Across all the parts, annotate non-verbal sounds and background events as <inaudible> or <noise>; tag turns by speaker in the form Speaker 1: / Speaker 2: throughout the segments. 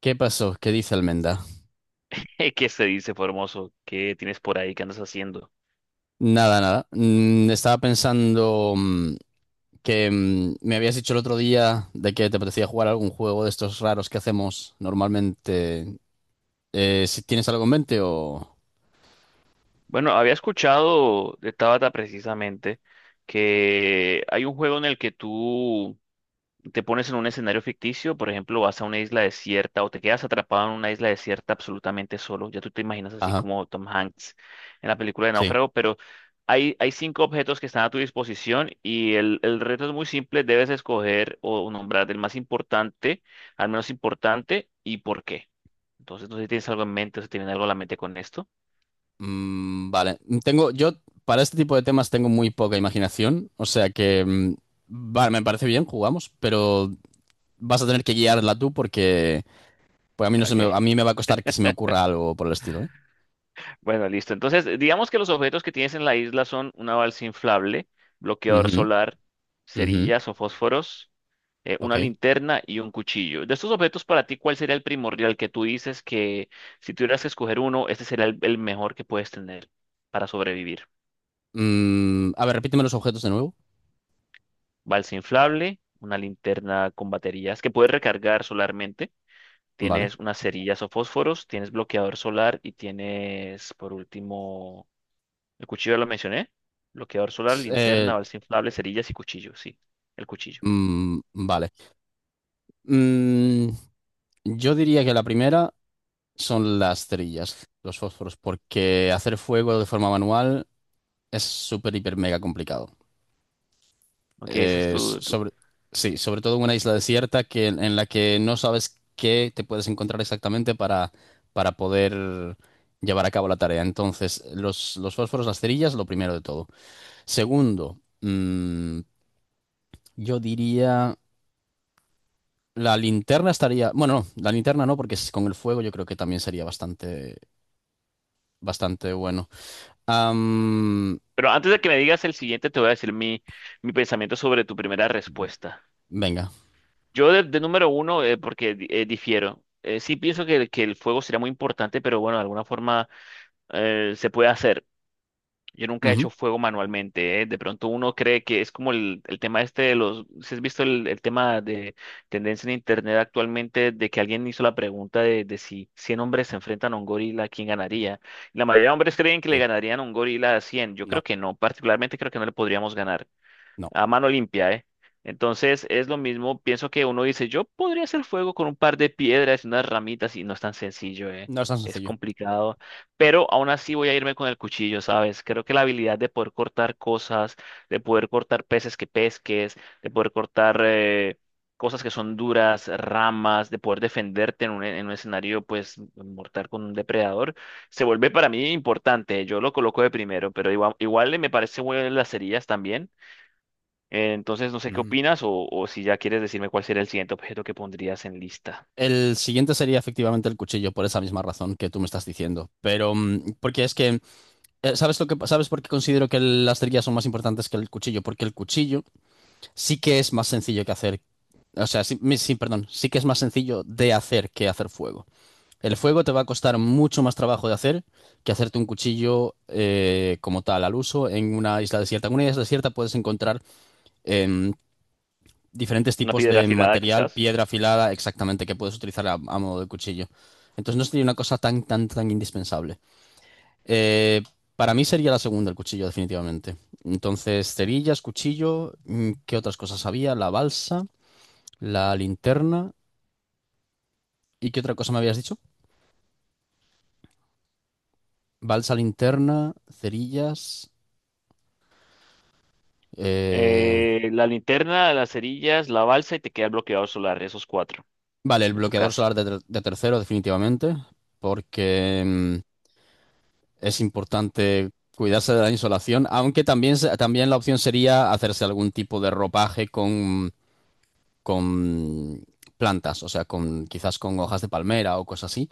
Speaker 1: ¿Qué pasó? ¿Qué dice Almenda?
Speaker 2: <laughs> ¿Qué se dice, Formoso? ¿Qué tienes por ahí? ¿Qué andas haciendo?
Speaker 1: Nada, nada. Estaba pensando que me habías dicho el otro día de que te apetecía jugar algún juego de estos raros que hacemos normalmente. Si tienes algo en mente o...
Speaker 2: Bueno, había escuchado de Tabata precisamente que hay un juego en el que tú te pones en un escenario ficticio, por ejemplo, vas a una isla desierta o te quedas atrapado en una isla desierta absolutamente solo. Ya tú te imaginas así
Speaker 1: Ajá,
Speaker 2: como Tom Hanks en la película de
Speaker 1: sí.
Speaker 2: Náufrago, pero hay cinco objetos que están a tu disposición y el reto es muy simple. Debes escoger o nombrar el más importante, al menos importante, y por qué. Entonces, no sé si tienes algo en mente o si tienes algo a la mente con esto.
Speaker 1: Vale. Yo para este tipo de temas tengo muy poca imaginación, o sea que... vale, me parece bien, jugamos, pero vas a tener que guiarla tú porque pues a mí no se
Speaker 2: Ok.
Speaker 1: me, a mí me va a costar que se me ocurra algo por el estilo, ¿eh?
Speaker 2: Bueno, listo. Entonces, digamos que los objetos que tienes en la isla son una balsa inflable, bloqueador
Speaker 1: Ujú,
Speaker 2: solar,
Speaker 1: ujú,
Speaker 2: cerillas o fósforos,
Speaker 1: ok.
Speaker 2: una linterna y un cuchillo. De estos objetos, para ti, ¿cuál sería el primordial que tú dices que si tuvieras que escoger uno, este sería el mejor que puedes tener para sobrevivir?
Speaker 1: A ver, repíteme los objetos de nuevo.
Speaker 2: Balsa inflable, una linterna con baterías que puedes recargar solarmente,
Speaker 1: Vale.
Speaker 2: tienes unas cerillas o fósforos, tienes bloqueador solar y tienes, por último. El cuchillo ya lo mencioné. Bloqueador solar,
Speaker 1: S-
Speaker 2: linterna,
Speaker 1: eh,
Speaker 2: balsa inflable, cerillas y cuchillo. Sí, el cuchillo.
Speaker 1: vale. Mm, yo diría que la primera son las cerillas, los fósforos, porque hacer fuego de forma manual es súper, hiper, mega complicado.
Speaker 2: Ok, ese es
Speaker 1: Eh,
Speaker 2: tu-
Speaker 1: sobre, sí, sobre todo en una isla desierta que, en la que no sabes qué te puedes encontrar exactamente para poder llevar a cabo la tarea. Entonces, los fósforos, las cerillas, lo primero de todo. Segundo, yo diría... La linterna estaría. Bueno, no, la linterna no, porque con el fuego yo creo que también sería bastante, bastante bueno. Am,
Speaker 2: Pero antes de que me digas el siguiente, te voy a decir mi pensamiento sobre tu primera respuesta.
Speaker 1: Venga.
Speaker 2: Yo de número uno, porque difiero. Sí pienso que el fuego sería muy importante, pero bueno, de alguna forma se puede hacer. Yo nunca he
Speaker 1: Ujú.
Speaker 2: hecho fuego manualmente, ¿eh? De pronto uno cree que es como el tema este de los. Si has visto el tema de tendencia en internet actualmente de que alguien hizo la pregunta de si 100 hombres se enfrentan a un gorila, ¿quién ganaría? La mayoría de hombres creen que le
Speaker 1: Sí.
Speaker 2: ganarían a un gorila a 100. Yo creo
Speaker 1: No,
Speaker 2: que no, particularmente creo que no le podríamos ganar
Speaker 1: no.
Speaker 2: a mano limpia, ¿eh? Entonces es lo mismo, pienso que uno dice, yo podría hacer fuego con un par de piedras y unas ramitas y no es tan sencillo, ¿eh?
Speaker 1: No es tan
Speaker 2: Es
Speaker 1: sencillo.
Speaker 2: complicado, pero aún así voy a irme con el cuchillo, ¿sabes? Creo que la habilidad de poder cortar cosas, de poder cortar peces que pesques, de poder cortar cosas que son duras, ramas, de poder defenderte en un escenario, pues, mortal con un depredador, se vuelve para mí importante. Yo lo coloco de primero, pero igual me parece bueno las cerillas también. Entonces, no sé qué
Speaker 1: Ujú.
Speaker 2: opinas o si ya quieres decirme cuál sería el siguiente objeto que pondrías en lista.
Speaker 1: El siguiente sería efectivamente el cuchillo, por esa misma razón que tú me estás diciendo. Pero, porque es que, ¿sabes lo que, sabes por qué considero que las trillas son más importantes que el cuchillo? Porque el cuchillo sí que es más sencillo que hacer, o sea, sí, perdón, sí que es más sencillo de hacer que hacer fuego. El fuego te va a costar mucho más trabajo de hacer que hacerte un cuchillo como tal al uso en una isla desierta. En una isla desierta puedes encontrar em, diferentes
Speaker 2: Una
Speaker 1: tipos
Speaker 2: piedra
Speaker 1: de
Speaker 2: afilada,
Speaker 1: material,
Speaker 2: quizás.
Speaker 1: piedra afilada, exactamente, que puedes utilizar a modo de cuchillo. Entonces no sería una cosa tan, tan, tan indispensable. Eh, para mí sería la segunda, el cuchillo, definitivamente. Entonces, cerillas, cuchillo, ¿qué otras cosas había? La balsa, la linterna. ¿Y qué otra cosa me habías dicho? Balsa, linterna, cerillas. Eh,
Speaker 2: La linterna, las cerillas, la balsa y te queda el bloqueador solar. Esos cuatro,
Speaker 1: vale, el
Speaker 2: en tu
Speaker 1: bloqueador
Speaker 2: caso.
Speaker 1: solar de tercero, definitivamente, porque es importante cuidarse de la insolación, aunque también, también la opción sería hacerse algún tipo de ropaje con plantas, o sea, con, quizás con hojas de palmera o cosas así,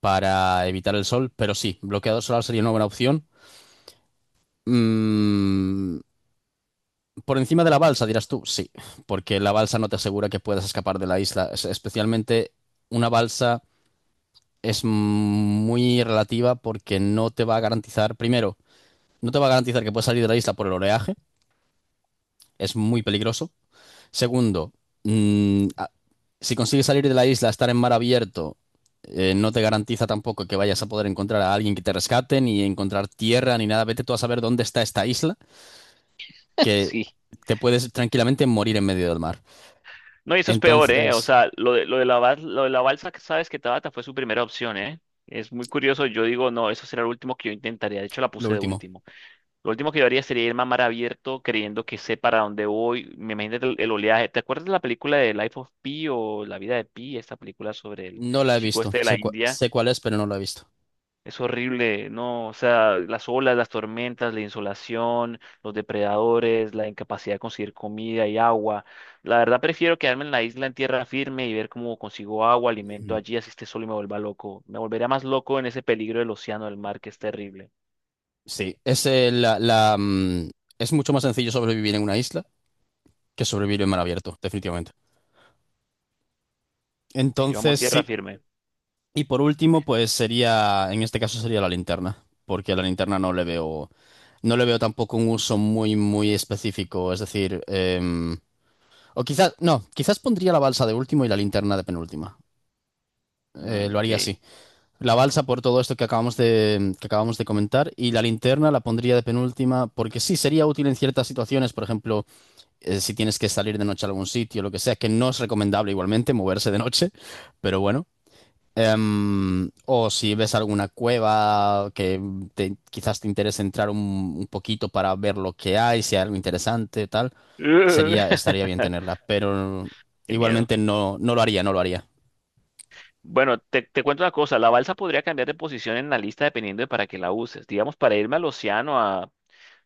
Speaker 1: para evitar el sol, pero sí, bloqueador solar sería una buena opción. Mm, por encima de la balsa, dirás tú, sí, porque la balsa no te asegura que puedas escapar de la isla, especialmente una balsa es muy relativa porque no te va a garantizar, primero, no te va a garantizar que puedes salir de la isla por el oleaje, es muy peligroso. Segundo, mm, a- si consigues salir de la isla, estar en mar abierto, no te garantiza tampoco que vayas a poder encontrar a alguien que te rescate, ni encontrar tierra, ni nada. Vete tú a saber dónde está esta isla,
Speaker 2: <laughs>
Speaker 1: que
Speaker 2: Sí.
Speaker 1: te puedes tranquilamente morir en medio del mar.
Speaker 2: No, y eso es peor, ¿eh? O
Speaker 1: Entonces,
Speaker 2: sea, lo de la balsa, que sabes que Tabata fue su primera opción, ¿eh? Es muy curioso. Yo digo, no, eso será el último que yo intentaría. De hecho, la
Speaker 1: lo
Speaker 2: puse de
Speaker 1: último,
Speaker 2: último. Lo último que yo haría sería ir a mar abierto creyendo que sé para dónde voy. Me imagino el oleaje. ¿Te acuerdas de la película de Life of Pi o La vida de Pi? Esta película sobre el
Speaker 1: no la he
Speaker 2: chico
Speaker 1: visto.
Speaker 2: este de la
Speaker 1: Sé,
Speaker 2: India.
Speaker 1: sé cuál es, pero no la he visto.
Speaker 2: Es horrible, ¿no? O sea, las olas, las tormentas, la insolación, los depredadores, la incapacidad de conseguir comida y agua. La verdad prefiero quedarme en la isla en tierra firme y ver cómo consigo agua, alimento allí, así esté solo y me vuelva loco. Me volvería más loco en ese peligro del océano, del mar, que es terrible.
Speaker 1: Sí, es, la, la, mm, Es mucho más sencillo sobrevivir en una isla que sobrevivir en mar abierto, definitivamente.
Speaker 2: Si yo amo
Speaker 1: Entonces,
Speaker 2: tierra
Speaker 1: sí.
Speaker 2: firme.
Speaker 1: Y por último, pues sería, en este caso sería la linterna, porque a la linterna no le veo, no le veo tampoco un uso muy, muy específico. Es decir, o quizás, no, quizás pondría la balsa de último y la linterna de penúltima.
Speaker 2: Mm,
Speaker 1: Lo
Speaker 2: ok.
Speaker 1: haría así. La balsa por todo esto que acabamos de comentar y la linterna la pondría de penúltima porque sí sería útil en ciertas situaciones, por ejemplo. Si tienes que salir de noche a algún sitio, lo que sea, que no es recomendable igualmente moverse de noche, <laughs> pero bueno. O si ves alguna cueva que quizás te interese entrar un poquito para ver lo que hay, si hay algo interesante, tal,
Speaker 2: Ugh.
Speaker 1: sería, estaría bien
Speaker 2: <laughs>
Speaker 1: tenerla, pero
Speaker 2: Qué miedo.
Speaker 1: igualmente no, no lo haría, no lo haría.
Speaker 2: Bueno, te cuento una cosa, la balsa podría cambiar de posición en la lista dependiendo de para qué la uses. Digamos, para irme al océano a,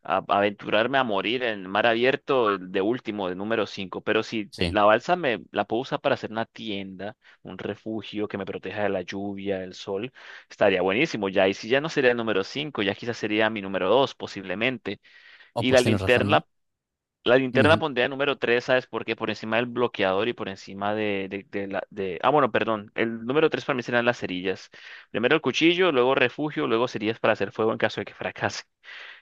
Speaker 2: a a aventurarme a morir en mar abierto de último, de número 5. Pero si
Speaker 1: Sí.
Speaker 2: la balsa me la puedo usar para hacer una tienda, un refugio que me proteja de la lluvia, del sol, estaría buenísimo ya. Y si ya no sería el número 5, ya quizás sería mi número 2 posiblemente.
Speaker 1: Oh,
Speaker 2: Y la
Speaker 1: pues tienes razón,
Speaker 2: linterna La
Speaker 1: ¿eh?
Speaker 2: linterna
Speaker 1: Ujú.
Speaker 2: pondría número 3, ¿sabes por qué? Por encima del bloqueador y por encima de la... De... Ah, bueno, perdón. El número 3 para mí serán las cerillas. Primero el cuchillo, luego refugio, luego cerillas para hacer fuego en caso de que fracase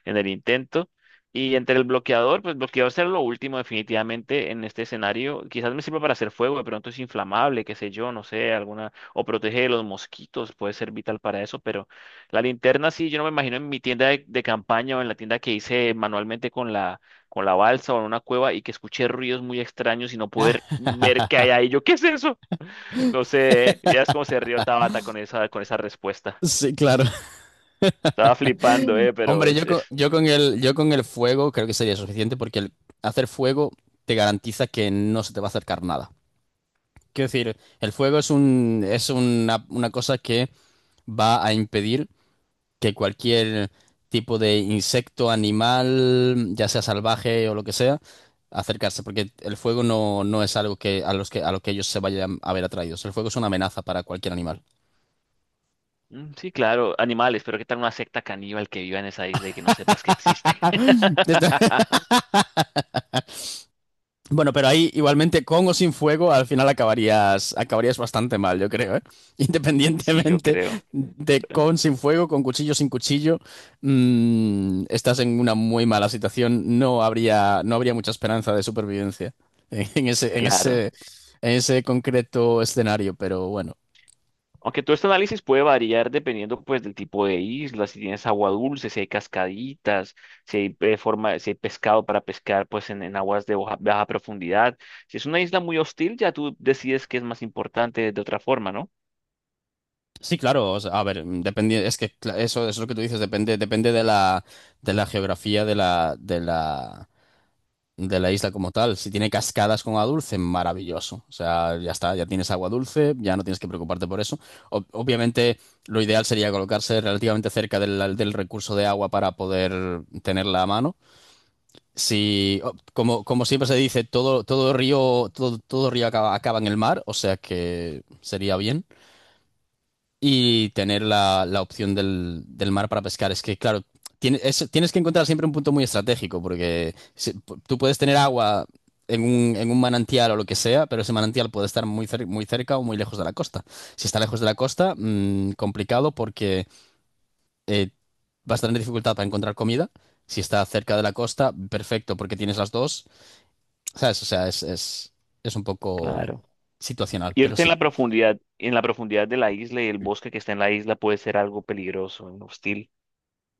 Speaker 2: en el intento. Y entre el bloqueador, pues bloqueador será lo último definitivamente en este escenario. Quizás me sirva para hacer fuego, de pronto es inflamable, qué sé yo, no sé, alguna, o protege de los mosquitos, puede ser vital para eso, pero la linterna sí, yo no me imagino en mi tienda de campaña o en la tienda que hice manualmente con la balsa o en una cueva y que escuché ruidos muy extraños y no poder ver qué
Speaker 1: <laughs>
Speaker 2: hay ahí. Yo, ¿qué es eso? <laughs> No sé, ya es como se rió Tabata con esa respuesta.
Speaker 1: Sí, claro.
Speaker 2: Estaba flipando, pero
Speaker 1: Hombre,
Speaker 2: es, es
Speaker 1: yo con el fuego creo que sería suficiente porque el hacer fuego te garantiza que no se te va a acercar nada. Quiero decir, el fuego es una cosa que va a impedir que cualquier tipo de insecto, animal, ya sea salvaje o lo que sea, acercarse, porque el fuego no, no es algo que a lo que ellos se vayan a ver atraídos. El fuego es una amenaza para cualquier animal.
Speaker 2: Mm, sí, claro, animales, pero ¿qué tal una secta caníbal que viva en esa isla y que no sepas que existe?
Speaker 1: <laughs>
Speaker 2: <laughs>
Speaker 1: Bueno, pero ahí igualmente con o sin fuego al final acabarías, acabarías bastante mal, yo creo, ¿eh? <laughs>
Speaker 2: Sí, yo
Speaker 1: Independientemente
Speaker 2: creo.
Speaker 1: de
Speaker 2: eh,
Speaker 1: con, sin fuego, con cuchillo, sin cuchillo, estás en una muy mala situación. No habría, no habría mucha esperanza de supervivencia <laughs> en ese, en
Speaker 2: Claro.
Speaker 1: ese, en ese concreto escenario, pero bueno.
Speaker 2: Aunque todo este análisis puede variar dependiendo pues del tipo de isla, si tienes agua dulce, si hay cascaditas, si hay, forma, si hay pescado para pescar pues en aguas de baja, baja profundidad. Si es una isla muy hostil, ya tú decides qué es más importante de otra forma, ¿no?
Speaker 1: Sí, claro, o sea, a ver, depende, es que eso, eso es lo que tú dices, depende, depende de la geografía de la isla como tal. Si tiene cascadas con agua dulce, maravilloso. O sea, ya está, ya tienes agua dulce, ya no tienes que preocuparte por eso. Obviamente, lo ideal sería colocarse relativamente cerca del recurso de agua para poder tenerla a mano. Si, o- Como, como siempre se dice, todo río, todo río acaba, acaba en el mar, o sea que sería bien y tener la opción del mar para pescar. Es que, claro, tienes que encontrar siempre un punto muy estratégico, porque tú puedes tener agua en un manantial o lo que sea, pero ese manantial puede estar muy, muy cerca o muy lejos de la costa. Si está lejos de la costa, complicado porque eh, vas a tener dificultad para encontrar comida. Si está cerca de la costa, perfecto, porque tienes las dos. ¿Sabes? O sea, es un poco
Speaker 2: Claro.
Speaker 1: situacional, pero
Speaker 2: Irte
Speaker 1: sí.
Speaker 2: en la profundidad de la isla y el bosque que está en la isla puede ser algo peligroso, hostil.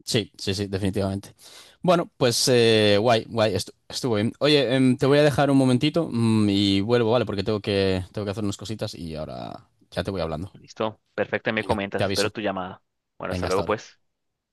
Speaker 1: Sí, sí, sí, definitivamente. Bueno, pues guay, guay, estuvo bien. Oye, te voy a dejar un momentito y vuelvo, ¿vale? Porque tengo que hacer unas cositas y ahora ya te voy hablando.
Speaker 2: Listo, perfecto, me
Speaker 1: Venga, te
Speaker 2: comentas, espero
Speaker 1: aviso.
Speaker 2: tu llamada. Bueno, hasta
Speaker 1: Venga, hasta
Speaker 2: luego
Speaker 1: ahora.
Speaker 2: pues.